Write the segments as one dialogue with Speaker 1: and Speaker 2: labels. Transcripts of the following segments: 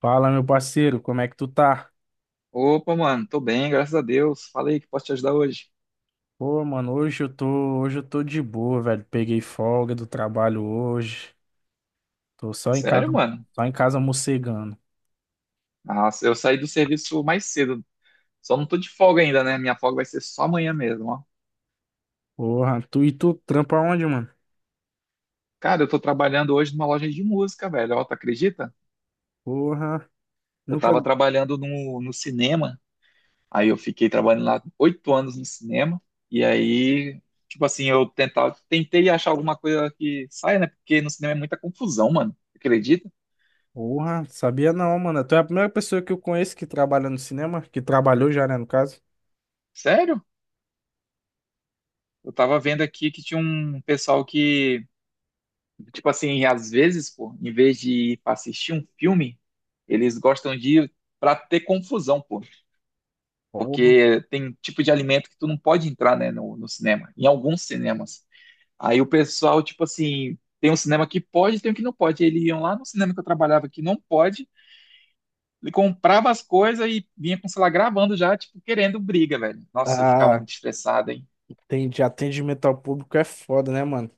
Speaker 1: Fala, meu parceiro, como é que tu tá?
Speaker 2: Opa, mano, tô bem, graças a Deus. Falei que posso te ajudar hoje.
Speaker 1: Pô, mano, hoje eu tô de boa, velho. Peguei folga do trabalho hoje. Tô
Speaker 2: Sério, mano?
Speaker 1: só em casa mocegando.
Speaker 2: Nossa, eu saí do serviço mais cedo. Só não tô de folga ainda, né? Minha folga vai ser só amanhã mesmo, ó.
Speaker 1: Porra, tu trampa onde, mano?
Speaker 2: Cara, eu tô trabalhando hoje numa loja de música, velho. Ó, tu acredita?
Speaker 1: Porra,
Speaker 2: Eu
Speaker 1: nunca,
Speaker 2: tava trabalhando no cinema. Aí eu fiquei trabalhando lá 8 anos no cinema. E aí, tipo assim, eu tentava, tentei achar alguma coisa que saia, né? Porque no cinema é muita confusão, mano. Acredita?
Speaker 1: porra, sabia não, mano. Tu é a primeira pessoa que eu conheço que trabalha no cinema, que trabalhou já, né, no caso.
Speaker 2: Sério? Eu tava vendo aqui que tinha um pessoal que... Tipo assim, às vezes, pô, em vez de ir pra assistir um filme, eles gostam de ir pra ter confusão, pô.
Speaker 1: Porra.
Speaker 2: Porque tem tipo de alimento que tu não pode entrar, né, no cinema, em alguns cinemas. Aí o pessoal, tipo assim, tem um cinema que pode, tem um que não pode. Eles iam lá no cinema que eu trabalhava que não pode, ele comprava as coisas e vinha com o celular gravando já, tipo, querendo briga, velho. Nossa, eu ficava
Speaker 1: Ah,
Speaker 2: muito estressado, hein?
Speaker 1: tem de atendimento ao público é foda, né, mano?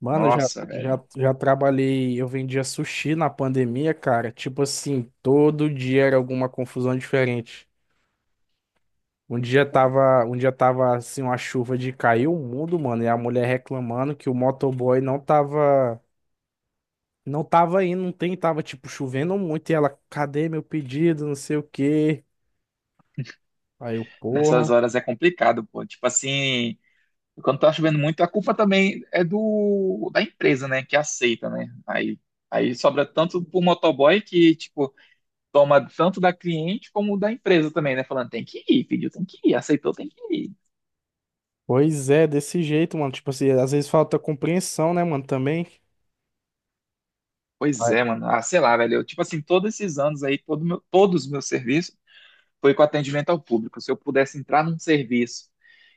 Speaker 1: Mano, já,
Speaker 2: Nossa, velho.
Speaker 1: já, já trabalhei, eu vendia sushi na pandemia, cara. Tipo assim, todo dia era alguma confusão diferente. Um dia tava assim, uma chuva de cair o mundo, mano, e a mulher reclamando que o motoboy não tava indo, não tem, tava tipo chovendo muito e ela, cadê meu pedido, não sei o quê. Aí eu,
Speaker 2: Nessas
Speaker 1: porra.
Speaker 2: horas é complicado, pô. Tipo assim. E quando tá chovendo muito, a culpa também é do da empresa, né, que aceita, né? Aí aí sobra tanto pro motoboy que tipo toma tanto da cliente como da empresa também, né, falando tem que ir, pediu, tem que ir, aceitou, tem que ir.
Speaker 1: Pois é, desse jeito, mano. Tipo assim, às vezes falta compreensão, né, mano, também.
Speaker 2: Pois
Speaker 1: Aí-
Speaker 2: é, mano. Ah, sei lá, velho. Eu, tipo assim, todos esses anos aí, todos os meus serviços foi com atendimento ao público. Se eu pudesse entrar num serviço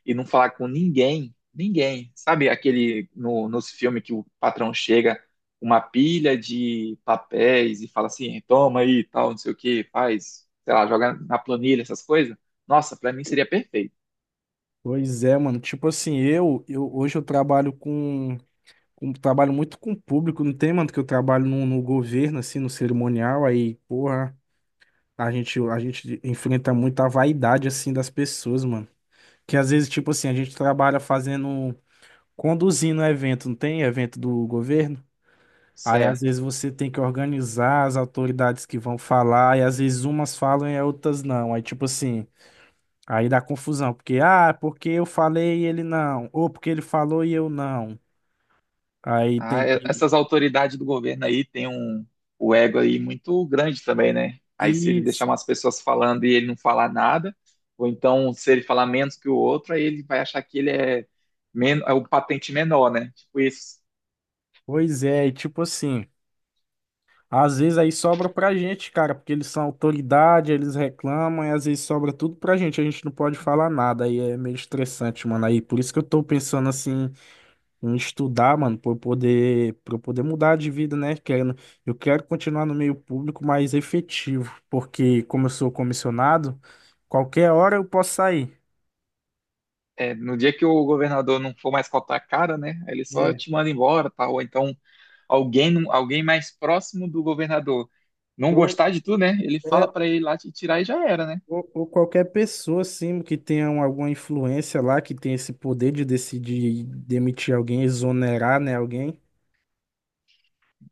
Speaker 2: e não falar com ninguém, ninguém, sabe aquele no, nos filmes que o patrão chega uma pilha de papéis e fala assim, toma aí, tal, não sei o que, faz, sei lá, joga na planilha, essas coisas. Nossa, para mim seria perfeito.
Speaker 1: Pois é, mano. Tipo assim, eu hoje eu trabalho trabalho muito com o público, não tem, mano, que eu trabalho no, no governo, assim, no cerimonial, aí, porra, a gente enfrenta muito a vaidade, assim, das pessoas, mano. Que às vezes, tipo assim, a gente trabalha fazendo, conduzindo evento, não tem evento do governo? Aí, às
Speaker 2: Certo.
Speaker 1: vezes, você tem que organizar as autoridades que vão falar, e às vezes umas falam e outras não. Aí, tipo assim, aí dá confusão, porque, ah, porque eu falei e ele não, ou porque ele falou e eu não. Aí tem
Speaker 2: Ah,
Speaker 1: que
Speaker 2: essas autoridades do governo aí têm um, o ego aí muito grande também, né? Aí se ele
Speaker 1: ir.
Speaker 2: deixar umas pessoas falando e ele não falar nada, ou então se ele falar menos que o outro, aí ele vai achar que ele é, men é o patente menor, né? Tipo isso.
Speaker 1: Pois é, e tipo assim, às vezes aí sobra pra gente, cara, porque eles são autoridade, eles reclamam, e às vezes sobra tudo pra gente, a gente não pode falar nada, aí é meio estressante, mano. Aí por isso que eu tô pensando assim em estudar, mano, pra eu poder mudar de vida, né? Querendo, eu quero continuar no meio público mais efetivo, porque como eu sou comissionado, qualquer hora eu posso sair.
Speaker 2: É, no dia que o governador não for mais cotar a cara, né? Aí ele só
Speaker 1: É,
Speaker 2: te manda embora, tá? Ou então alguém, não- alguém mais próximo do governador não
Speaker 1: pro-
Speaker 2: gostar de tu, né? Ele
Speaker 1: é,
Speaker 2: fala pra ele lá te tirar e já era, né?
Speaker 1: ou qualquer pessoa, assim, que tenha um- alguma influência lá, que tenha esse poder de decidir demitir alguém, exonerar, né, alguém.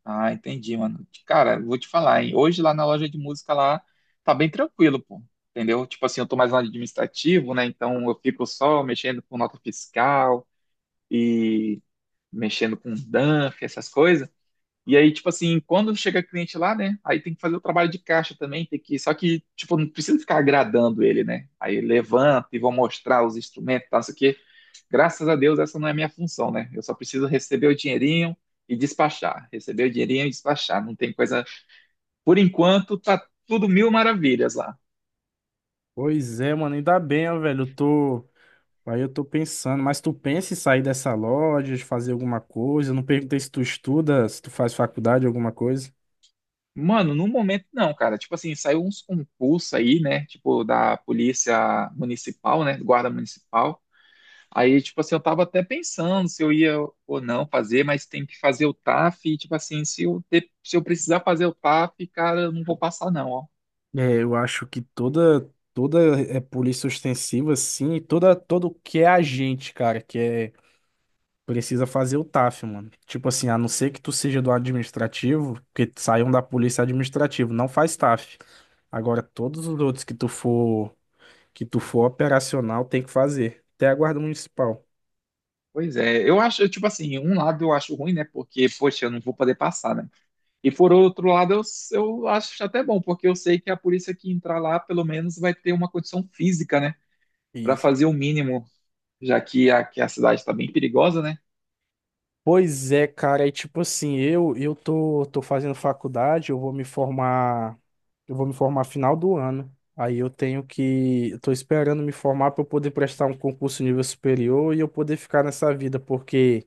Speaker 2: Ah, entendi, mano. Cara, vou te falar, hein? Hoje lá na loja de música lá tá bem tranquilo, pô. Entendeu? Tipo assim, eu tô mais no administrativo, né? Então eu fico só mexendo com nota fiscal e mexendo com DANF, essas coisas. E aí, tipo assim, quando chega cliente lá, né? Aí tem que fazer o trabalho de caixa também, só que, tipo, não precisa ficar agradando ele, né? Aí levanta e vou mostrar os instrumentos, tá, não sei o quê. Graças a Deus, essa não é a minha função, né? Eu só preciso receber o dinheirinho e despachar. Receber o dinheirinho e despachar. Não tem coisa. Por enquanto, tá tudo mil maravilhas lá.
Speaker 1: Pois é, mano, ainda bem, ó, velho, eu tô... Aí eu tô pensando, mas tu pensa em sair dessa loja, de fazer alguma coisa? Eu não perguntei se tu estuda, se tu faz faculdade, alguma coisa.
Speaker 2: Mano, no momento não, cara. Tipo assim, saiu uns concursos aí, né? Tipo, da polícia municipal, né? Guarda municipal. Aí, tipo assim, eu tava até pensando se eu ia ou não fazer, mas tem que fazer o TAF. E, tipo assim, se eu precisar fazer o TAF, cara, eu não vou passar, não, ó.
Speaker 1: É, eu acho que toda é polícia ostensiva, assim, e toda todo que é agente, cara, que é precisa fazer o TAF, mano. Tipo assim, a não ser que tu seja do administrativo, que saiam da polícia administrativa, não faz TAF. Agora, todos os outros que tu for operacional, tem que fazer. Até a guarda municipal.
Speaker 2: Pois é, eu acho, tipo assim, um lado eu acho ruim, né? Porque, poxa, eu não vou poder passar, né? E por outro lado, eu acho até bom, porque eu sei que a polícia que entrar lá, pelo menos, vai ter uma condição física, né? Para
Speaker 1: Isso.
Speaker 2: fazer o mínimo, já que a cidade está bem perigosa, né?
Speaker 1: Pois é, cara, e tipo assim, tô fazendo faculdade, eu vou me formar final do ano. Aí eu tenho que, eu tô esperando me formar para eu poder prestar um concurso nível superior e eu poder ficar nessa vida, porque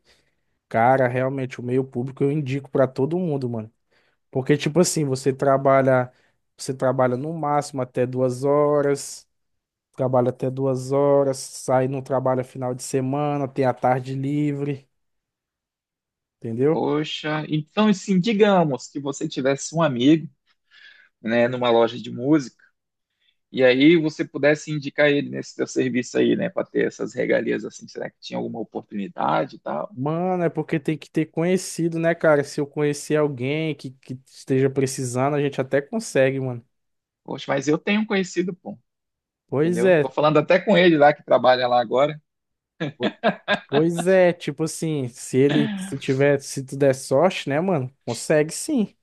Speaker 1: cara, realmente, o meio público eu indico pra todo mundo, mano. Porque, tipo assim, você trabalha no máximo até duas horas, trabalha até duas horas, sai no trabalho final de semana, tem a tarde livre, entendeu?
Speaker 2: Poxa, então, assim, digamos que você tivesse um amigo, né, numa loja de música, e aí você pudesse indicar ele nesse teu serviço aí, né, para ter essas regalias, assim, será que tinha alguma oportunidade e tal?
Speaker 1: Mano, é porque tem que ter conhecido, né, cara? Se eu conhecer alguém que esteja precisando, a gente até consegue, mano.
Speaker 2: Poxa, mas eu tenho um conhecido, pô.
Speaker 1: Pois
Speaker 2: Entendeu? Tô
Speaker 1: é,
Speaker 2: falando até com ele lá que trabalha lá agora.
Speaker 1: po- pois é, tipo assim, se tiver, se tu der sorte, né, mano? Consegue sim.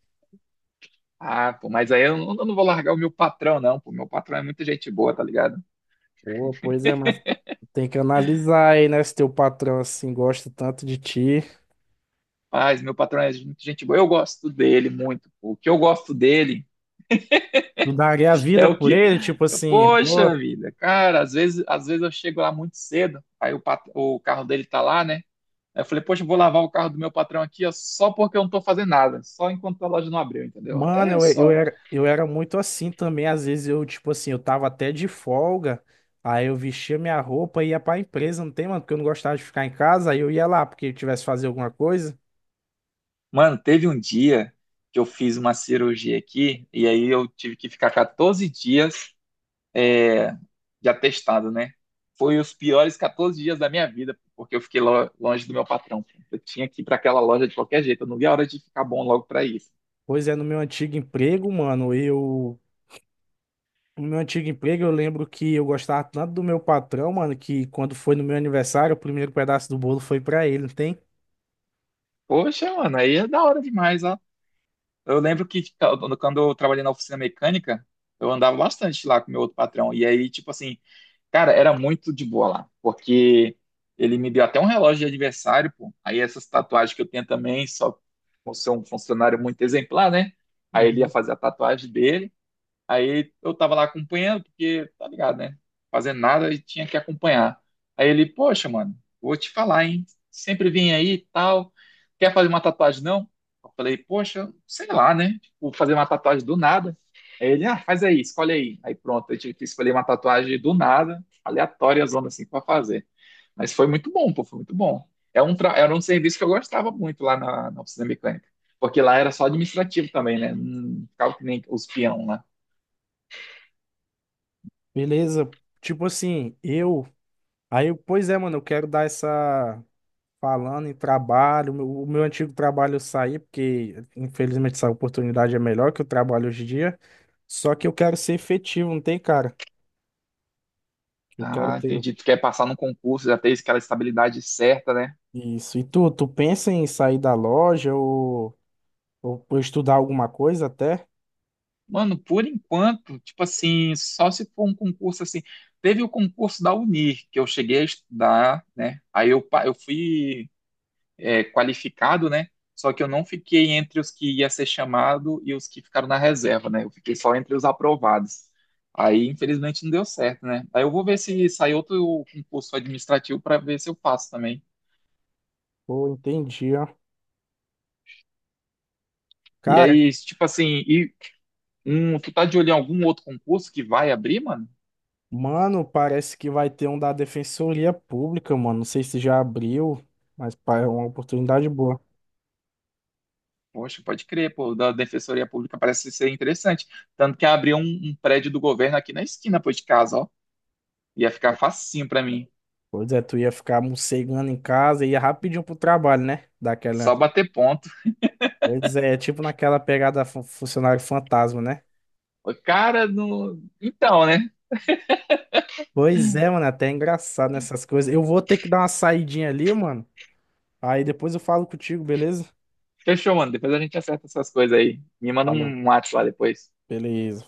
Speaker 2: Ah, pô, mas aí eu não vou largar o meu patrão, não, pô. Meu patrão é muita gente boa, tá ligado?
Speaker 1: Pô, pois é, mas tem que analisar aí, né? Se teu patrão, assim, gosta tanto de ti.
Speaker 2: Mas meu patrão é muita gente boa. Eu gosto dele muito, pô. O que eu gosto dele
Speaker 1: Tu daria a
Speaker 2: é
Speaker 1: vida
Speaker 2: o
Speaker 1: por
Speaker 2: que.
Speaker 1: ele, tipo
Speaker 2: Eu,
Speaker 1: assim, pô.
Speaker 2: poxa vida, cara, às vezes eu chego lá muito cedo, aí o carro dele tá lá, né? Aí eu falei, poxa, eu vou lavar o carro do meu patrão aqui, ó, só porque eu não tô fazendo nada, só enquanto a loja não abriu, entendeu?
Speaker 1: Mano,
Speaker 2: É, eu sou...
Speaker 1: eu era muito assim também. Às vezes eu, tipo assim, eu tava até de folga. Aí eu vestia minha roupa e ia pra empresa, não tem, mano? Porque eu não gostava de ficar em casa. Aí eu ia lá, porque eu tivesse que fazer alguma coisa.
Speaker 2: Mano, teve um dia que eu fiz uma cirurgia aqui e aí eu tive que ficar 14 dias de atestado, né? Foi os piores 14 dias da minha vida, porque eu fiquei longe do meu patrão. Eu tinha que ir para aquela loja de qualquer jeito, eu não vi a hora de ficar bom logo para isso.
Speaker 1: Pois é, no meu antigo emprego, mano, eu. No meu antigo emprego, eu lembro que eu gostava tanto do meu patrão, mano, que quando foi no meu aniversário, o primeiro pedaço do bolo foi pra ele, não tem?
Speaker 2: Poxa, mano, aí é da hora demais, ó. Eu lembro que tipo, quando eu trabalhei na oficina mecânica, eu andava bastante lá com meu outro patrão. E aí, tipo assim, cara, era muito de boa lá, porque ele me deu até um relógio de aniversário, pô. Aí essas tatuagens que eu tenho também, só por ser um funcionário muito exemplar, né? Aí ele ia
Speaker 1: Uhum.
Speaker 2: fazer a tatuagem dele. Aí eu tava lá acompanhando, porque, tá ligado, né? Fazendo nada e tinha que acompanhar. Aí ele, poxa, mano, vou te falar, hein? Sempre vim aí e tal. Quer fazer uma tatuagem, não? Eu falei, poxa, sei lá, né? Vou fazer uma tatuagem do nada. Aí ele, ah, faz aí, escolhe aí. Aí pronto, eu tive que escolher uma tatuagem do nada, aleatória, zona assim, pra fazer. Mas foi muito bom, pô, foi muito bom. Era um serviço que eu gostava muito lá na oficina mecânica. Porque lá era só administrativo também, né? Não ficava que nem os peão lá.
Speaker 1: Beleza? Tipo assim, eu. Aí, eu, pois é, mano, eu quero dar essa. Falando em trabalho, o meu antigo trabalho eu saí, porque infelizmente essa oportunidade é melhor que o trabalho hoje em dia. Só que eu quero ser efetivo, não tem, cara? Eu quero
Speaker 2: Ah,
Speaker 1: ter
Speaker 2: entendi. Tu quer passar no concurso, já ter aquela estabilidade certa, né?
Speaker 1: isso. E tu, tu pensa em sair da loja ou, ou estudar alguma coisa até?
Speaker 2: Mano, por enquanto, tipo assim, só se for um concurso assim. Teve o concurso da Unir, que eu cheguei a estudar, né? Aí eu, eu fui é, qualificado, né? Só que eu não fiquei entre os que ia ser chamado e os que ficaram na reserva, né? Eu fiquei só entre os aprovados. Aí, infelizmente, não deu certo, né? Aí eu vou ver se sai outro concurso administrativo para ver se eu faço também.
Speaker 1: Pô, entendi, ó.
Speaker 2: E
Speaker 1: Cara,
Speaker 2: aí, tipo assim, e... tu tá de olho em algum outro concurso que vai abrir, mano?
Speaker 1: mano, parece que vai ter um da Defensoria Pública, mano. Não sei se já abriu, mas pá, é uma oportunidade boa.
Speaker 2: Poxa, pode crer, pô, da Defensoria Pública parece ser interessante. Tanto que abriu um, um prédio do governo aqui na esquina, pô, de casa, ó. Ia ficar facinho pra mim.
Speaker 1: Pois é, tu ia ficar morcegando em casa e ia rapidinho pro trabalho, né? Daquela.
Speaker 2: Só bater ponto.
Speaker 1: Pois é, é tipo naquela pegada funcionário fantasma, né?
Speaker 2: Ô, cara, no... então, né?
Speaker 1: Pois é, mano, até é engraçado nessas coisas. Eu vou ter que dar uma saidinha ali, mano. Aí depois eu falo contigo, beleza?
Speaker 2: Fechou, mano. Depois a gente acerta essas coisas aí. Me manda
Speaker 1: Falou.
Speaker 2: um WhatsApp lá depois.
Speaker 1: Beleza.